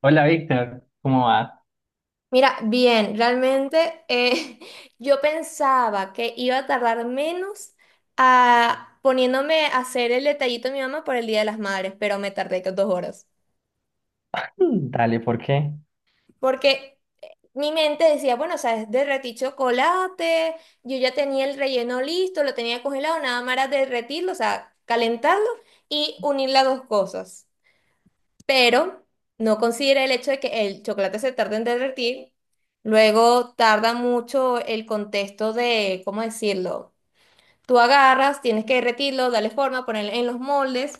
Hola Víctor, ¿cómo va? Mira, bien, realmente yo pensaba que iba a tardar menos a, poniéndome a hacer el detallito de mi mamá por el Día de las Madres, pero me tardé que 2 horas. Dale, ¿por qué? Porque mi mente decía, bueno, o sea, es derretí chocolate, yo ya tenía el relleno listo, lo tenía congelado, nada más era derretirlo, o sea, calentarlo y unir las dos cosas. Pero no considera el hecho de que el chocolate se tarda en derretir, luego tarda mucho el contexto de, ¿cómo decirlo? Tú agarras, tienes que derretirlo, darle forma, ponerlo en los moldes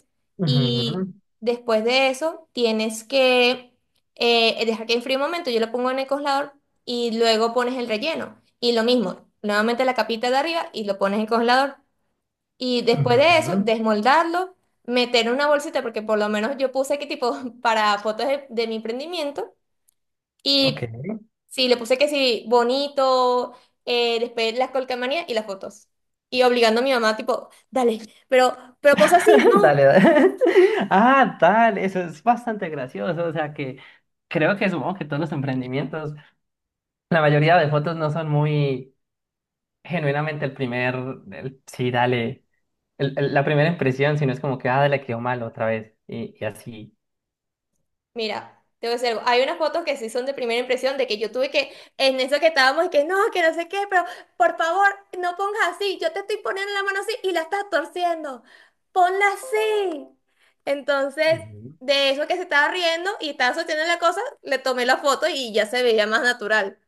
y Ujú, después de eso tienes que dejar que enfríe un momento, yo lo pongo en el congelador y luego pones el relleno. Y lo mismo, nuevamente la capita de arriba y lo pones en el congelador. Y después de eso, ujú, desmoldarlo, meter en una bolsita, porque por lo menos yo puse que tipo para fotos de mi emprendimiento. Y Ok. sí, le puse que sí, bonito, después las colcamanías y las fotos. Y obligando a mi mamá, tipo, dale, pero posa así, no. Dale, dale. Ah, dale, eso es bastante gracioso. O sea que creo que supongo que todos los emprendimientos, la mayoría de fotos no son muy genuinamente el primer, sí, dale, la primera impresión, sino es como que, ah, le quedó mal otra vez. Y así. Mira, te voy a decir algo. Hay unas fotos que sí son de primera impresión de que yo tuve que, en eso que estábamos, y que no sé qué, pero por favor, no pongas así. Yo te estoy poniendo la mano así y la estás torciendo. Ponla así. Entonces, Ujú. de eso que se estaba riendo y estaba sosteniendo la cosa, le tomé la foto y ya se veía más natural.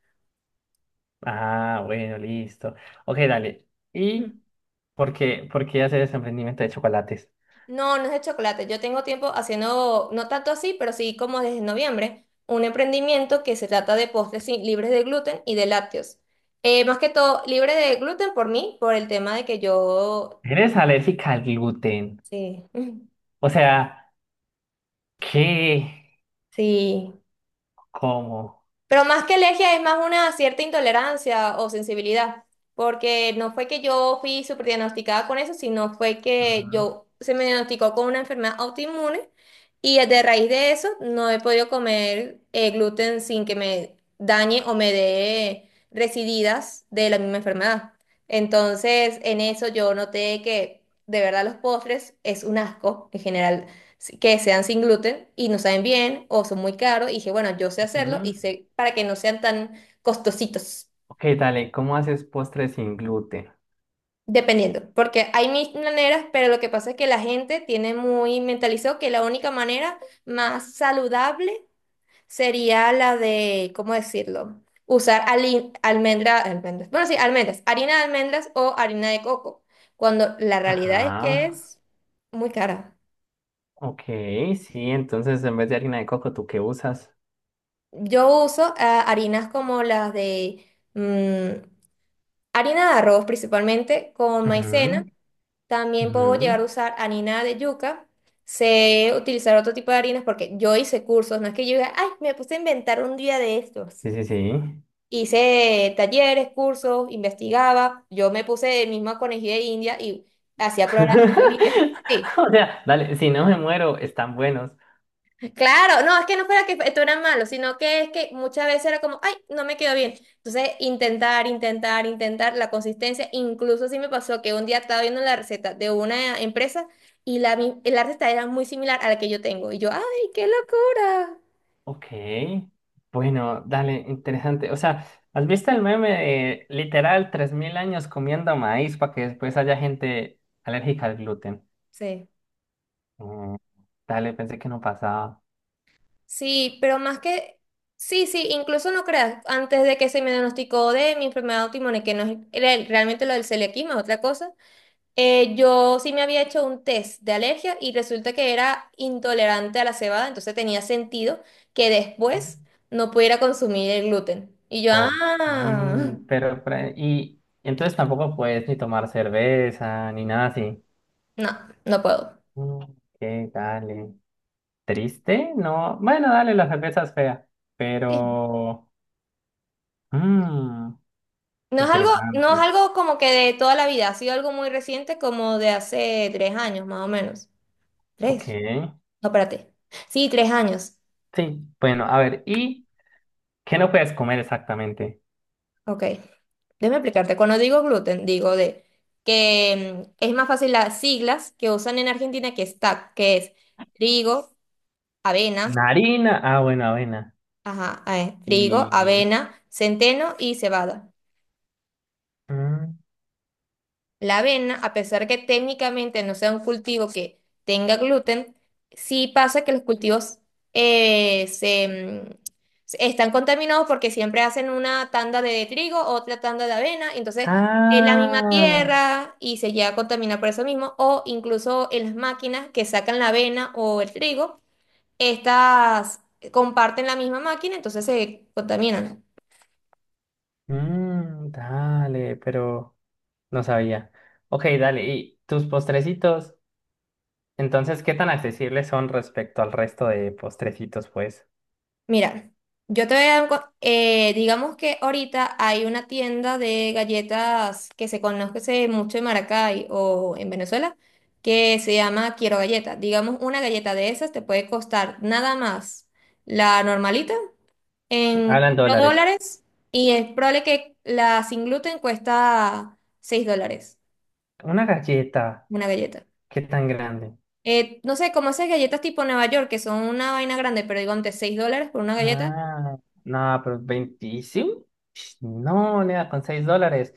Ah, bueno, listo. Ok, dale. ¿Y por qué hacer ese emprendimiento de chocolates? No, no es de chocolate. Yo tengo tiempo haciendo, no tanto así, pero sí como desde noviembre, un emprendimiento que se trata de postres libres de gluten y de lácteos. Más que todo, libre de gluten por mí, por el tema de que yo... Eres alérgica al gluten. Sí, O sea, ¿qué? sí. ¿Cómo? Pero más que alergia es más una cierta intolerancia o sensibilidad, porque no fue que yo fui superdiagnosticada con eso, sino fue que Ajá. yo se me diagnosticó con una enfermedad autoinmune y de raíz de eso no he podido comer gluten sin que me dañe o me dé resididas de la misma enfermedad. Entonces, en eso yo noté que de verdad los postres es un asco en general que sean sin gluten y no saben bien o son muy caros. Y dije, bueno, yo sé hacerlo Ujú. y sé para que no sean tan costositos, Ok, dale, ¿cómo haces postres sin gluten? dependiendo. Porque hay mil maneras, pero lo que pasa es que la gente tiene muy mentalizado que la única manera más saludable sería la de, ¿cómo decirlo? Usar almendra, almendras, bueno, sí, almendras, harina de almendras o harina de coco, cuando la realidad es que Ajá. es muy cara. Ok, sí, entonces en vez de harina de coco, ¿tú qué usas? Yo uso harinas como las de mm, Harina de arroz principalmente con Ujú, maicena. También ujú. puedo llegar a usar harina de yuca. Sé utilizar otro tipo de harinas porque yo hice cursos. No es que yo diga, ay, me puse a inventar un día de estos. Sí, sí, sí. Hice talleres, cursos, investigaba. Yo me puse misma conejilla de India y hacía programas a mi familia. Sí. O sea, dale, si no me muero, están buenos. Claro, no, es que no fuera que esto era malo, sino que es que muchas veces era como, ay, no me quedó bien. Entonces, intentar, intentar, intentar la consistencia. Incluso sí me pasó que un día estaba viendo la receta de una empresa y la receta era muy similar a la que yo tengo. Y yo, ay, qué locura. Ok, bueno, dale, interesante. O sea, ¿has visto el meme de literal 3.000 años comiendo maíz para que después haya gente alérgica al gluten? Sí, Mm, dale, pensé que no pasaba. sí, pero más que, sí, sí, incluso no creas, antes de que se me diagnosticó de mi enfermedad autoinmune, que no es realmente lo del celiaquismo, es otra cosa. Yo sí me había hecho un test de alergia y resulta que era intolerante a la cebada, entonces tenía sentido que después no pudiera consumir el gluten. Y yo, Ok, ah, pero, y entonces tampoco puedes ni tomar cerveza ni nada así. no, no puedo. Mm, ok, dale. ¿Triste? No, bueno, dale, la cerveza es fea, Sí. pero... mm, No es algo, no es interesante. algo como que de toda la vida, ha sido algo muy reciente, como de hace 3 años más o menos. Ok. ¿Tres? No, espérate. Sí, 3 años. Sí, bueno, a ver, ¿y qué no puedes comer exactamente? Ok, déjame explicarte. Cuando digo gluten, digo de que es más fácil las siglas que usan en Argentina que es TAC, que es trigo, avena, ¿Una harina? Ah, bueno, avena. ajá, trigo, Y... avena, centeno y cebada. mm, La avena, a pesar que técnicamente no sea un cultivo que tenga gluten, sí pasa que los cultivos eh, se, mm, están contaminados porque siempre hacen una tanda de trigo, otra tanda de avena, y entonces es la misma ah, tierra y se llega a contaminar por eso mismo, o incluso en las máquinas que sacan la avena o el trigo, estas comparten la misma máquina, entonces se contaminan. mm, dale, pero no sabía. Ok, dale, ¿y tus postrecitos? Entonces, ¿qué tan accesibles son respecto al resto de postrecitos, pues? Mira, yo te voy a dar digamos que ahorita hay una tienda de galletas que se conoce mucho en Maracay o en Venezuela que se llama Quiero Galleta. Digamos, una galleta de esas te puede costar nada más la normalita en Hablan 4 dólares. dólares y es probable que la sin gluten cuesta $6 Una galleta, una galleta. ¿qué tan grande? No sé, como esas galletas tipo Nueva York que son una vaina grande, pero digo antes $6 por una galleta. Ah, no, pero 25. No, nada, con $6.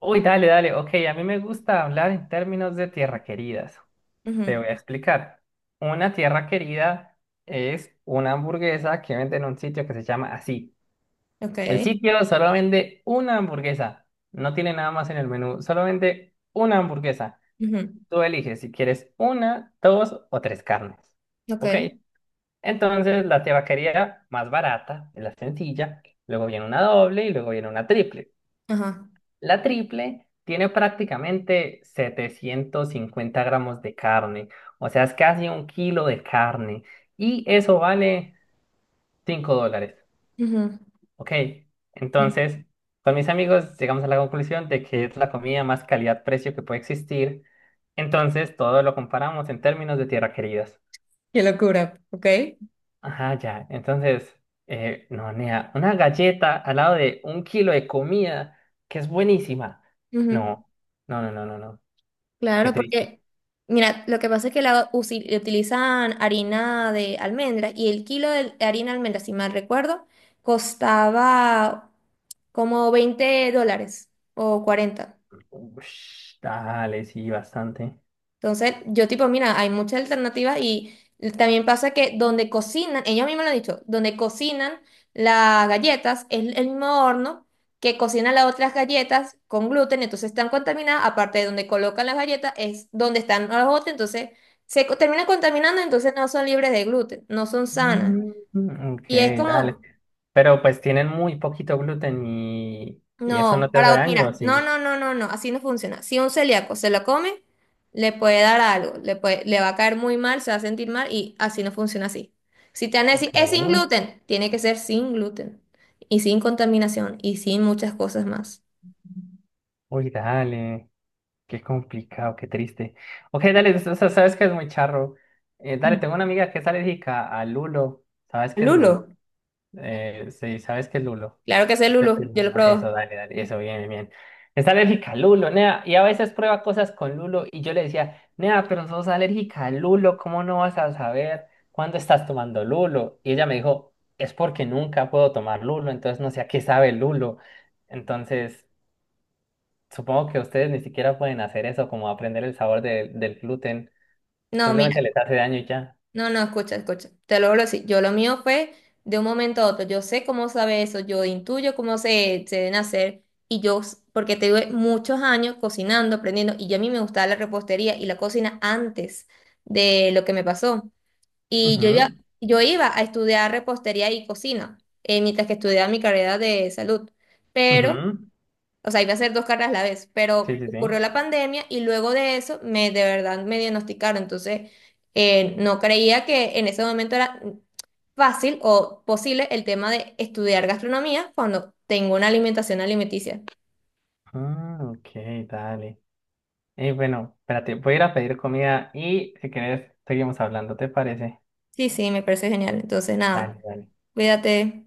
Uy, dale, dale. Ok, a mí me gusta hablar en términos de tierra queridas. Ujú. Te voy a explicar. Una tierra querida es una hamburguesa que vende en un sitio que se llama así. Ok. El sitio solo vende una hamburguesa. No tiene nada más en el menú. Solo vende una hamburguesa. Ujú. Tú eliges si quieres una, dos o tres carnes. Ok, Ok. Entonces, la tierra querida más barata es la sencilla. Luego viene una doble y luego viene una triple. ajá. La triple tiene prácticamente 750 gramos de carne, o sea, es casi un kilo de carne y eso vale $5, Ujú, ¿ok? ujú. Entonces, con mis amigos llegamos a la conclusión de que es la comida más calidad-precio que puede existir, entonces todo lo comparamos en términos de tierra queridas. Qué locura, ok. Ajá, ya, entonces, no, nea, una galleta al lado de un kilo de comida que es buenísima. Ujú. No, no, no, no, no, no, qué Claro, triste. porque, mira, lo que pasa es que la utilizan harina de almendras y el kilo de harina de almendras, si mal recuerdo, costaba como $20 o 40. Ush, dale, sí, bastante. Entonces, yo tipo, mira, hay muchas alternativas y también pasa que donde cocinan, ellos mismos lo han dicho, donde cocinan las galletas es el mismo horno que cocinan las otras galletas con gluten, entonces están contaminadas, aparte de donde colocan las galletas es donde están las otras, entonces terminan contaminando, entonces no son libres de gluten, no son sanas. Mm, ok, Y es dale. como, Pero pues tienen muy poquito gluten y eso no no, te hace para, daño, ¿o mira, no, sí. no, no, no, no, así no funciona. Si un celíaco se lo come, le puede dar algo, le puede, le va a caer muy mal, se va a sentir mal y así no funciona así. Si te van a decir, Ok. es sin gluten, tiene que ser sin gluten y sin contaminación y sin muchas cosas más. Uy, dale. Qué complicado, qué triste. Ok, dale, o sea, sabes que es muy charro. Dale, Ujú. tengo una amiga que es alérgica al lulo. ¿Sabes qué es Lulo. lulo? Sí, ¿sabes qué es lulo? Claro que es el lulo, yo lo probé. Eso, dale, dale, eso, bien, bien. Está alérgica al lulo, nea, y a veces prueba cosas con lulo, y yo le decía, nea, pero sos alérgica al lulo, ¿cómo no vas a saber cuándo estás tomando lulo? Y ella me dijo, es porque nunca puedo tomar lulo, entonces no sé a qué sabe el lulo. Entonces, supongo que ustedes ni siquiera pueden hacer eso, como aprender el sabor del gluten, No, mira. simplemente les hace daño y ya. No, no, escucha, escucha. Te lo hablo así. Yo lo mío fue de un momento a otro. Yo sé cómo sabe eso, yo intuyo cómo se deben hacer. Y yo, porque te tuve muchos años cocinando, aprendiendo, y yo a mí me gustaba la repostería y la cocina antes de lo que me pasó. Y yo iba, Ujú, yo iba a estudiar repostería y cocina, mientras que estudiaba mi carrera de salud. Pero ujú. o sea, iba a hacer dos carreras a la vez, Sí, pero sí, sí. ocurrió la pandemia y luego de eso me de verdad me diagnosticaron. Entonces, no creía que en ese momento era fácil o posible el tema de estudiar gastronomía cuando tengo una alimentación alimenticia. Ah, ok, dale. Y bueno, espérate, voy a ir a pedir comida y si quieres seguimos hablando, ¿te parece? Sí, sí, me parece genial. Entonces, nada, Dale, dale. cuídate.